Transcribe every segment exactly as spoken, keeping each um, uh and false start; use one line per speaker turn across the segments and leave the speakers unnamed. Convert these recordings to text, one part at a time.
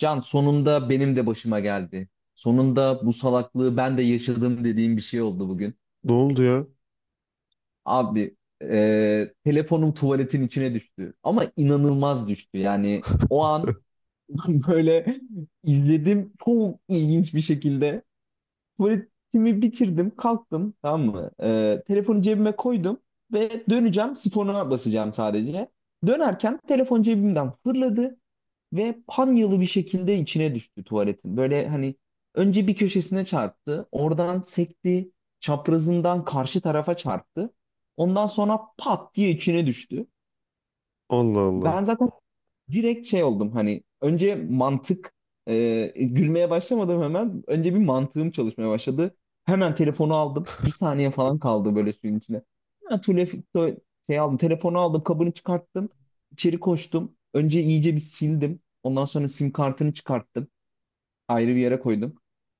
Can sonunda benim de başıma geldi. Sonunda bu salaklığı ben de yaşadım dediğim bir şey oldu bugün.
Ne oldu ya?
Abi, e, telefonum tuvaletin içine düştü. Ama inanılmaz düştü. Yani o an böyle izledim, çok ilginç bir şekilde. Tuvaletimi bitirdim, kalktım, tamam mı? E, telefonu cebime koydum ve döneceğim, sifona basacağım sadece. Dönerken telefon cebimden fırladı. Ve panyalı bir şekilde içine düştü tuvaletin. Böyle hani önce bir köşesine çarptı. Oradan sekti. Çaprazından karşı tarafa çarptı. Ondan sonra pat diye içine düştü.
Allah Allah.
Ben zaten direkt şey oldum hani önce mantık e, gülmeye başlamadım hemen, önce bir mantığım çalışmaya başladı. Hemen telefonu aldım. Bir saniye falan kaldı böyle suyun içine. Ha, tule- tule- şey aldım telefonu aldım, kabını çıkarttım. İçeri koştum. Önce iyice bir sildim. Ondan sonra sim kartını çıkarttım, ayrı bir yere koydum.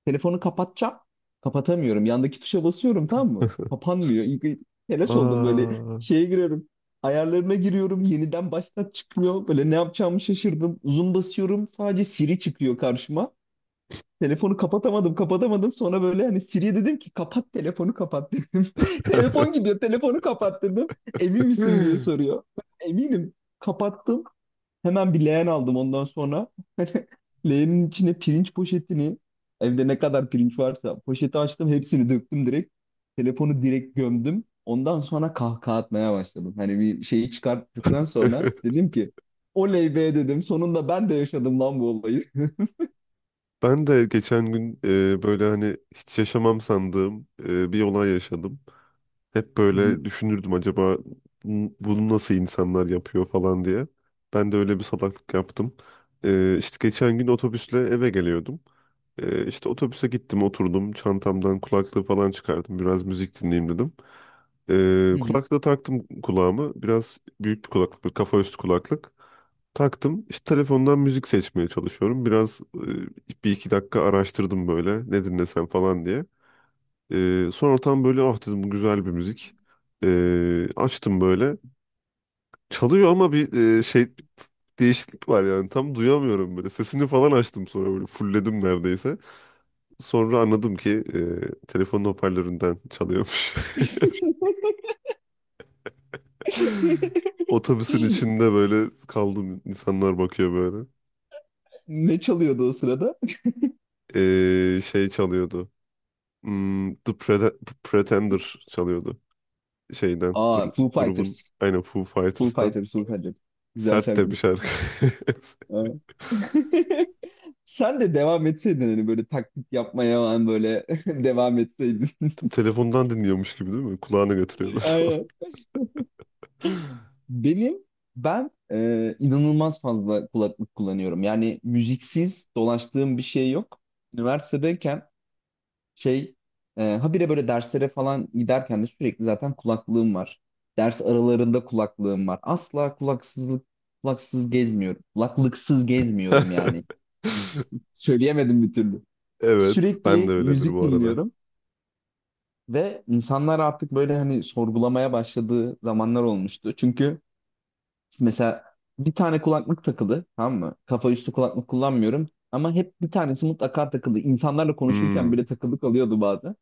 Telefonu kapatacağım. Kapatamıyorum. Yandaki tuşa basıyorum, tamam mı? Kapanmıyor. İlk bir telaş oldum, böyle
Aa.
şeye giriyorum. Ayarlarına giriyorum. Yeniden baştan çıkmıyor. Böyle ne yapacağımı şaşırdım. Zoom basıyorum. Sadece Siri çıkıyor karşıma. Telefonu kapatamadım, kapatamadım. Sonra böyle hani Siri'ye dedim ki, kapat telefonu, kapat dedim. Telefon gidiyor, telefonu kapat dedim. Emin misin diye soruyor. Eminim. Kapattım. Hemen bir leğen aldım ondan sonra. Leğenin içine pirinç poşetini, evde ne kadar pirinç varsa poşeti açtım, hepsini döktüm direkt. Telefonu direkt gömdüm. Ondan sonra kahkaha atmaya başladım. Hani bir şeyi çıkarttıktan sonra dedim ki, oley be dedim. Sonunda ben de yaşadım lan bu olayı.
Ben de geçen gün e, böyle hani hiç yaşamam sandığım e, bir olay yaşadım. Hep
Hı hı,
böyle düşünürdüm acaba bu- bunu nasıl insanlar yapıyor falan diye. Ben de öyle bir salaklık yaptım. E, işte geçen gün otobüsle eve geliyordum. Ee, işte otobüse gittim, oturdum, çantamdan kulaklığı falan çıkardım, biraz müzik dinleyeyim dedim. Ee,
hı hı.
kulaklığı taktım kulağımı, biraz büyük bir kulaklık, bir kafa üstü kulaklık taktım. İşte telefondan müzik seçmeye çalışıyorum, biraz e, bir iki dakika araştırdım böyle ne dinlesem falan diye. Ee, sonra tam böyle ah dedim, bu güzel bir müzik. Ee, açtım böyle, çalıyor ama bir e, şey değişiklik var, yani tam duyamıyorum böyle sesini falan, açtım sonra böyle fulledim neredeyse. Sonra anladım ki e, telefonun hoparlöründen çalıyormuş. Otobüsün içinde böyle kaldım. İnsanlar bakıyor böyle.
Ne çalıyordu o sırada?
E, şey çalıyordu. Hmm, The Prete- Pretender çalıyordu. Şeyden,
Aa,
gru-
Foo
grubun,
Fighters.
aynen, Foo
Foo
Fighters'tan.
Fighters, Foo Fighters. Güzel
Sert de bir
şarkıdır.
şarkı.
Aa. Sen de devam etseydin hani, böyle taklit yapmaya falan, böyle devam etseydin.
Tüm telefondan dinliyormuş gibi değil mi? Kulağına götürüyor böyle falan.
Aynen. Benim ben e, inanılmaz fazla kulaklık kullanıyorum. Yani müziksiz dolaştığım bir şey yok. Üniversitedeyken şey e, habire böyle derslere falan giderken de sürekli zaten kulaklığım var. Ders aralarında kulaklığım var. Asla kulaksızlık kulaksız gezmiyorum. Kulaklıksız gezmiyorum yani. S- Söyleyemedim bir türlü.
Evet, ben de
Sürekli
öyledir
müzik
bu arada.
dinliyorum ve insanlar artık böyle hani sorgulamaya başladığı zamanlar olmuştu. Çünkü mesela bir tane kulaklık takılı, tamam mı? Kafa üstü kulaklık kullanmıyorum ama hep bir tanesi mutlaka takılı. İnsanlarla
Hmm.
konuşurken bile takılık alıyordu bazen.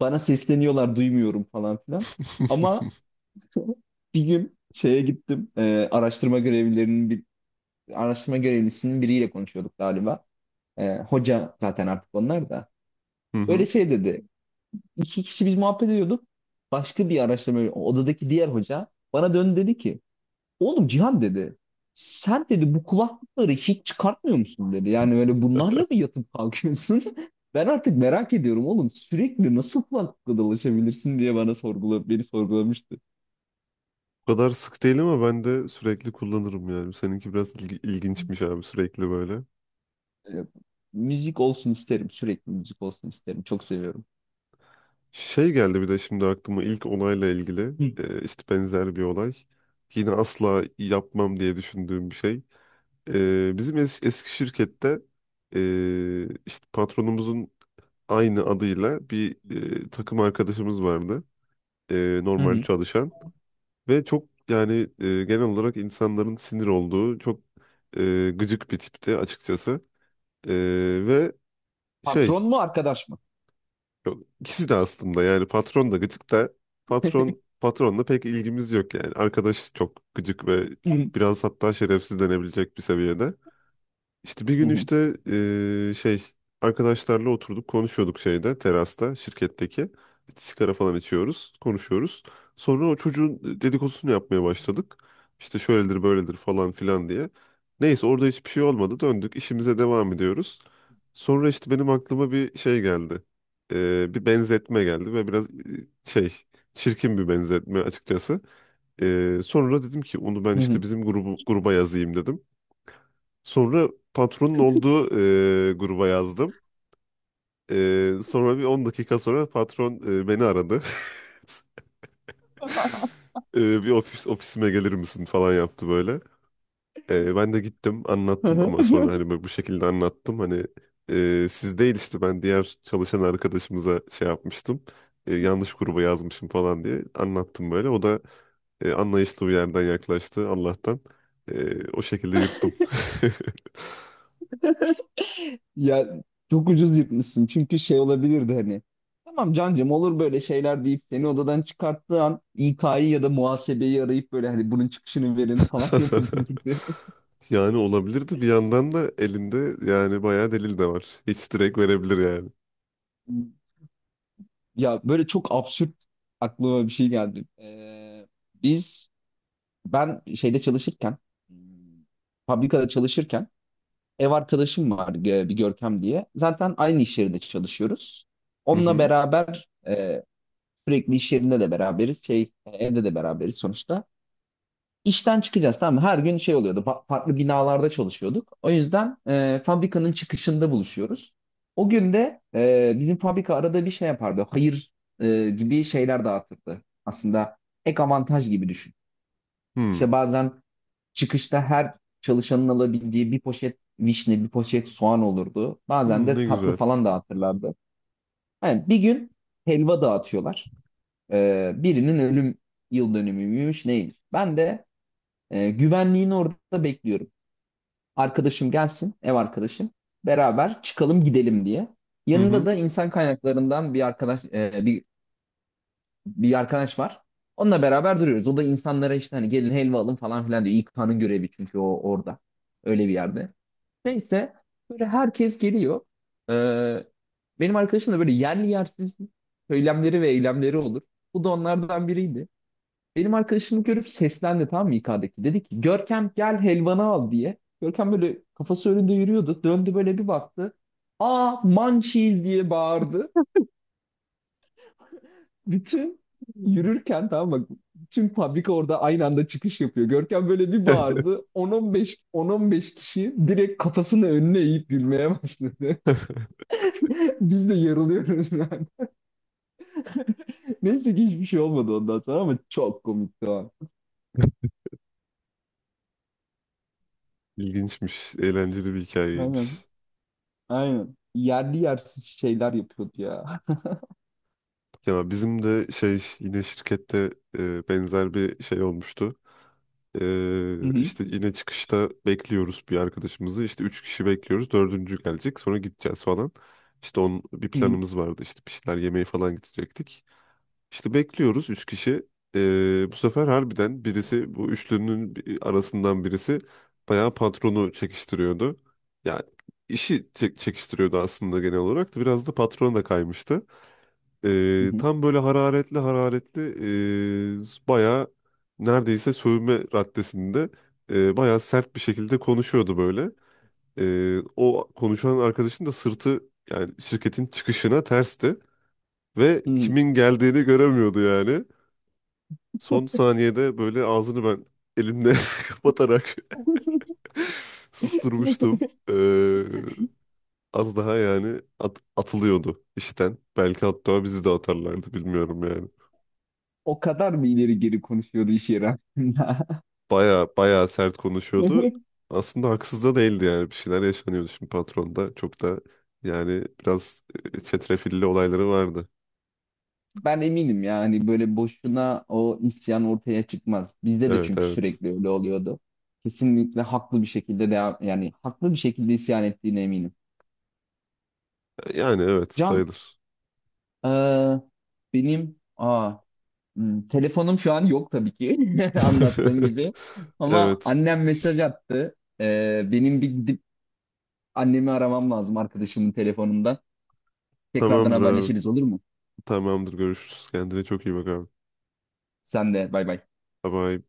Bana sesleniyorlar, duymuyorum falan filan. Ama bir gün şeye gittim. E, araştırma görevlilerinin bir araştırma görevlisinin biriyle konuşuyorduk galiba. E, hoca zaten artık onlar da.
Hı
Böyle
hı.
şey dedi. İki kişi biz muhabbet ediyorduk. Başka bir araştırma odadaki diğer hoca bana döndü, dedi ki oğlum Cihan dedi. Sen dedi bu kulaklıkları hiç çıkartmıyor musun dedi. Yani böyle bunlarla mı yatıp kalkıyorsun? Ben artık merak ediyorum oğlum, sürekli nasıl kulaklıkla dolaşabilirsin diye bana sorgula beni sorgulamıştı.
O kadar sık değil ama ben de sürekli kullanırım yani. Seninki biraz ilgi- ilginçmiş abi, sürekli böyle.
Ee, Müzik olsun isterim, sürekli müzik olsun isterim, çok seviyorum.
Şey geldi bir de şimdi aklıma, ilk olayla ilgili
Hı.
e, işte benzer bir olay. Yine asla yapmam diye düşündüğüm bir şey. E, bizim es- eski şirkette e, işte patronumuzun aynı adıyla bir e, takım arkadaşımız vardı. E,
Hı
normal
hı.
çalışan ve çok yani e, genel olarak insanların sinir olduğu çok e, gıcık bir tipti açıkçası. Ee, ve
Patron
Şey,
mu, arkadaş mı?
Yok, ikisi de aslında, yani patron da gıcık da. Patron patronla pek ilgimiz yok yani. Arkadaş çok gıcık ve
Hı hı.
biraz hatta şerefsiz denebilecek bir seviyede. İşte bir
Hı
gün
hı.
işte eee, şey arkadaşlarla oturduk konuşuyorduk, şeyde, terasta, şirketteki, sigara falan içiyoruz konuşuyoruz. Sonra o çocuğun dedikodusunu yapmaya başladık. İşte şöyledir böyledir falan filan diye. Neyse, orada hiçbir şey olmadı, döndük işimize devam ediyoruz. Sonra işte benim aklıma bir şey geldi. Eee, bir benzetme geldi ve biraz eee, şey çirkin bir benzetme açıkçası. Eee, sonra dedim ki onu ben işte bizim grubu, gruba yazayım dedim. Sonra patronun olduğu e, gruba yazdım. E, sonra bir on dakika sonra patron e, beni aradı. E, bir ofis ofisime gelir misin falan yaptı böyle. E, ben de gittim
Hı
anlattım,
hı.
ama sonra hani böyle bu şekilde anlattım. Hani e, siz değil, işte ben diğer çalışan arkadaşımıza şey yapmıştım. E, yanlış gruba yazmışım falan diye anlattım böyle. O da e, anlayışlı bir yerden yaklaştı Allah'tan. E, o şekilde yırttım.
Ya, çok ucuz yırtmışsın. Çünkü şey olabilirdi hani. Tamam cancım, olur böyle şeyler deyip seni odadan çıkarttığı an İK'yı ya da muhasebeyi arayıp böyle hani bunun çıkışını verin falan yapabilirdi.
Yani olabilirdi. Bir yandan da elinde yani bayağı delil de var. Hiç direkt verebilir yani.
Ya böyle çok absürt aklıma bir şey geldi. Ee, biz Ben şeyde çalışırken, hmm, fabrikada çalışırken, ev arkadaşım var, e, bir Görkem diye. Zaten aynı iş yerinde çalışıyoruz.
Hı
Onunla
hı.
beraber e, sürekli iş yerinde de beraberiz. Şey, e, evde de beraberiz sonuçta. İşten çıkacağız, tamam mı? Her gün şey oluyordu. Fa- farklı binalarda çalışıyorduk. O yüzden e, fabrikanın çıkışında buluşuyoruz. O gün de e, bizim fabrika arada bir şey yapardı. Hayır, e, gibi şeyler dağıtırdı. Aslında ek avantaj gibi düşün.
Hmm.
İşte bazen çıkışta her çalışanın alabildiği bir poşet vişne, bir poşet soğan olurdu. Bazen
Hmm,
de
ne
tatlı
güzel.
falan dağıtırlardı. Yani bir gün helva dağıtıyorlar. E, birinin ölüm yıl dönümüymüş neymiş. Ben de e, güvenliğin orada bekliyorum. Arkadaşım gelsin, ev arkadaşım. Beraber çıkalım, gidelim diye.
Hı
Yanında
hı.
da insan kaynaklarından bir arkadaş, e, bir bir arkadaş var. Onunla beraber duruyoruz. O da insanlara işte hani gelin helva alın falan filan diyor. İK'nın görevi çünkü o orada. Öyle bir yerde. Neyse, böyle herkes geliyor. Ee, Benim arkadaşım da böyle yerli yersiz söylemleri ve eylemleri olur. Bu da onlardan biriydi. Benim arkadaşımı görüp seslendi, tamam mı, İK'daki? Dedi ki Görkem, gel helvanı al diye. Görkem böyle kafası önünde yürüyordu. Döndü, böyle bir baktı. Aa, mançiz diye bağırdı. Bütün yürürken, tamam mı? Bütün fabrika orada aynı anda çıkış yapıyor. Görkem böyle bir bağırdı. 10-15 10-15 kişi direkt kafasını önüne eğip gülmeye başladı. Biz de yarılıyoruz yani. Neyse ki hiçbir şey olmadı ondan sonra, ama çok komikti o an.
İlginçmiş. Eğlenceli bir
Aynen.
hikayeymiş.
Aynen. Yerli yersiz şeyler yapıyordu ya.
Ya bizim de şey yine şirkette e, benzer bir şey olmuştu.
Hı
E,
hı.
işte yine çıkışta bekliyoruz bir arkadaşımızı. İşte üç kişi bekliyoruz. Dördüncü gelecek. Sonra gideceğiz falan. İşte onun bir
Hı hı.
planımız vardı. İşte bir şeyler yemeye falan gidecektik. İşte bekliyoruz üç kişi. Ee, bu sefer harbiden birisi, bu üçlünün bi- arasından birisi, bayağı patronu çekiştiriyordu. Yani işi çek- çekiştiriyordu aslında, genel olarak da biraz da patrona da kaymıştı.
Hı
Ee,
hı.
tam böyle hararetli hararetli ee, bayağı, neredeyse sövme raddesinde, ee, bayağı sert bir şekilde konuşuyordu böyle. Ee, o konuşan arkadaşın da sırtı yani şirketin çıkışına tersti ve
Hı hı.
kimin geldiğini göremiyordu yani. Son saniyede böyle ağzını ben elimle kapatarak susturmuştum. Ee, Az daha yani at- atılıyordu işten. Belki hatta bizi de atarlardı, bilmiyorum yani.
O kadar mı ileri geri konuşuyordu iş yeri hakkında?
Baya baya sert konuşuyordu. Aslında haksız da değildi yani, bir şeyler yaşanıyordu şimdi patronda. Çok da yani biraz e, çetrefilli olayları vardı.
Ben eminim yani, böyle boşuna o isyan ortaya çıkmaz. Bizde de
Evet,
çünkü
evet.
sürekli öyle oluyordu. Kesinlikle haklı bir şekilde devam, yani haklı bir şekilde isyan ettiğine eminim.
Yani evet,
Can,
sayılır.
eee, benim, aa, hmm, telefonum şu an yok tabii ki, anlattığım gibi. Ama
Evet.
annem mesaj attı. Eee, benim bir gidip annemi aramam lazım, arkadaşımın telefonundan. Tekrardan
Tamamdır abi.
haberleşiriz, olur mu?
Tamamdır, görüşürüz. Kendine çok iyi bak abi.
Sen de bay bay.
Bye bye.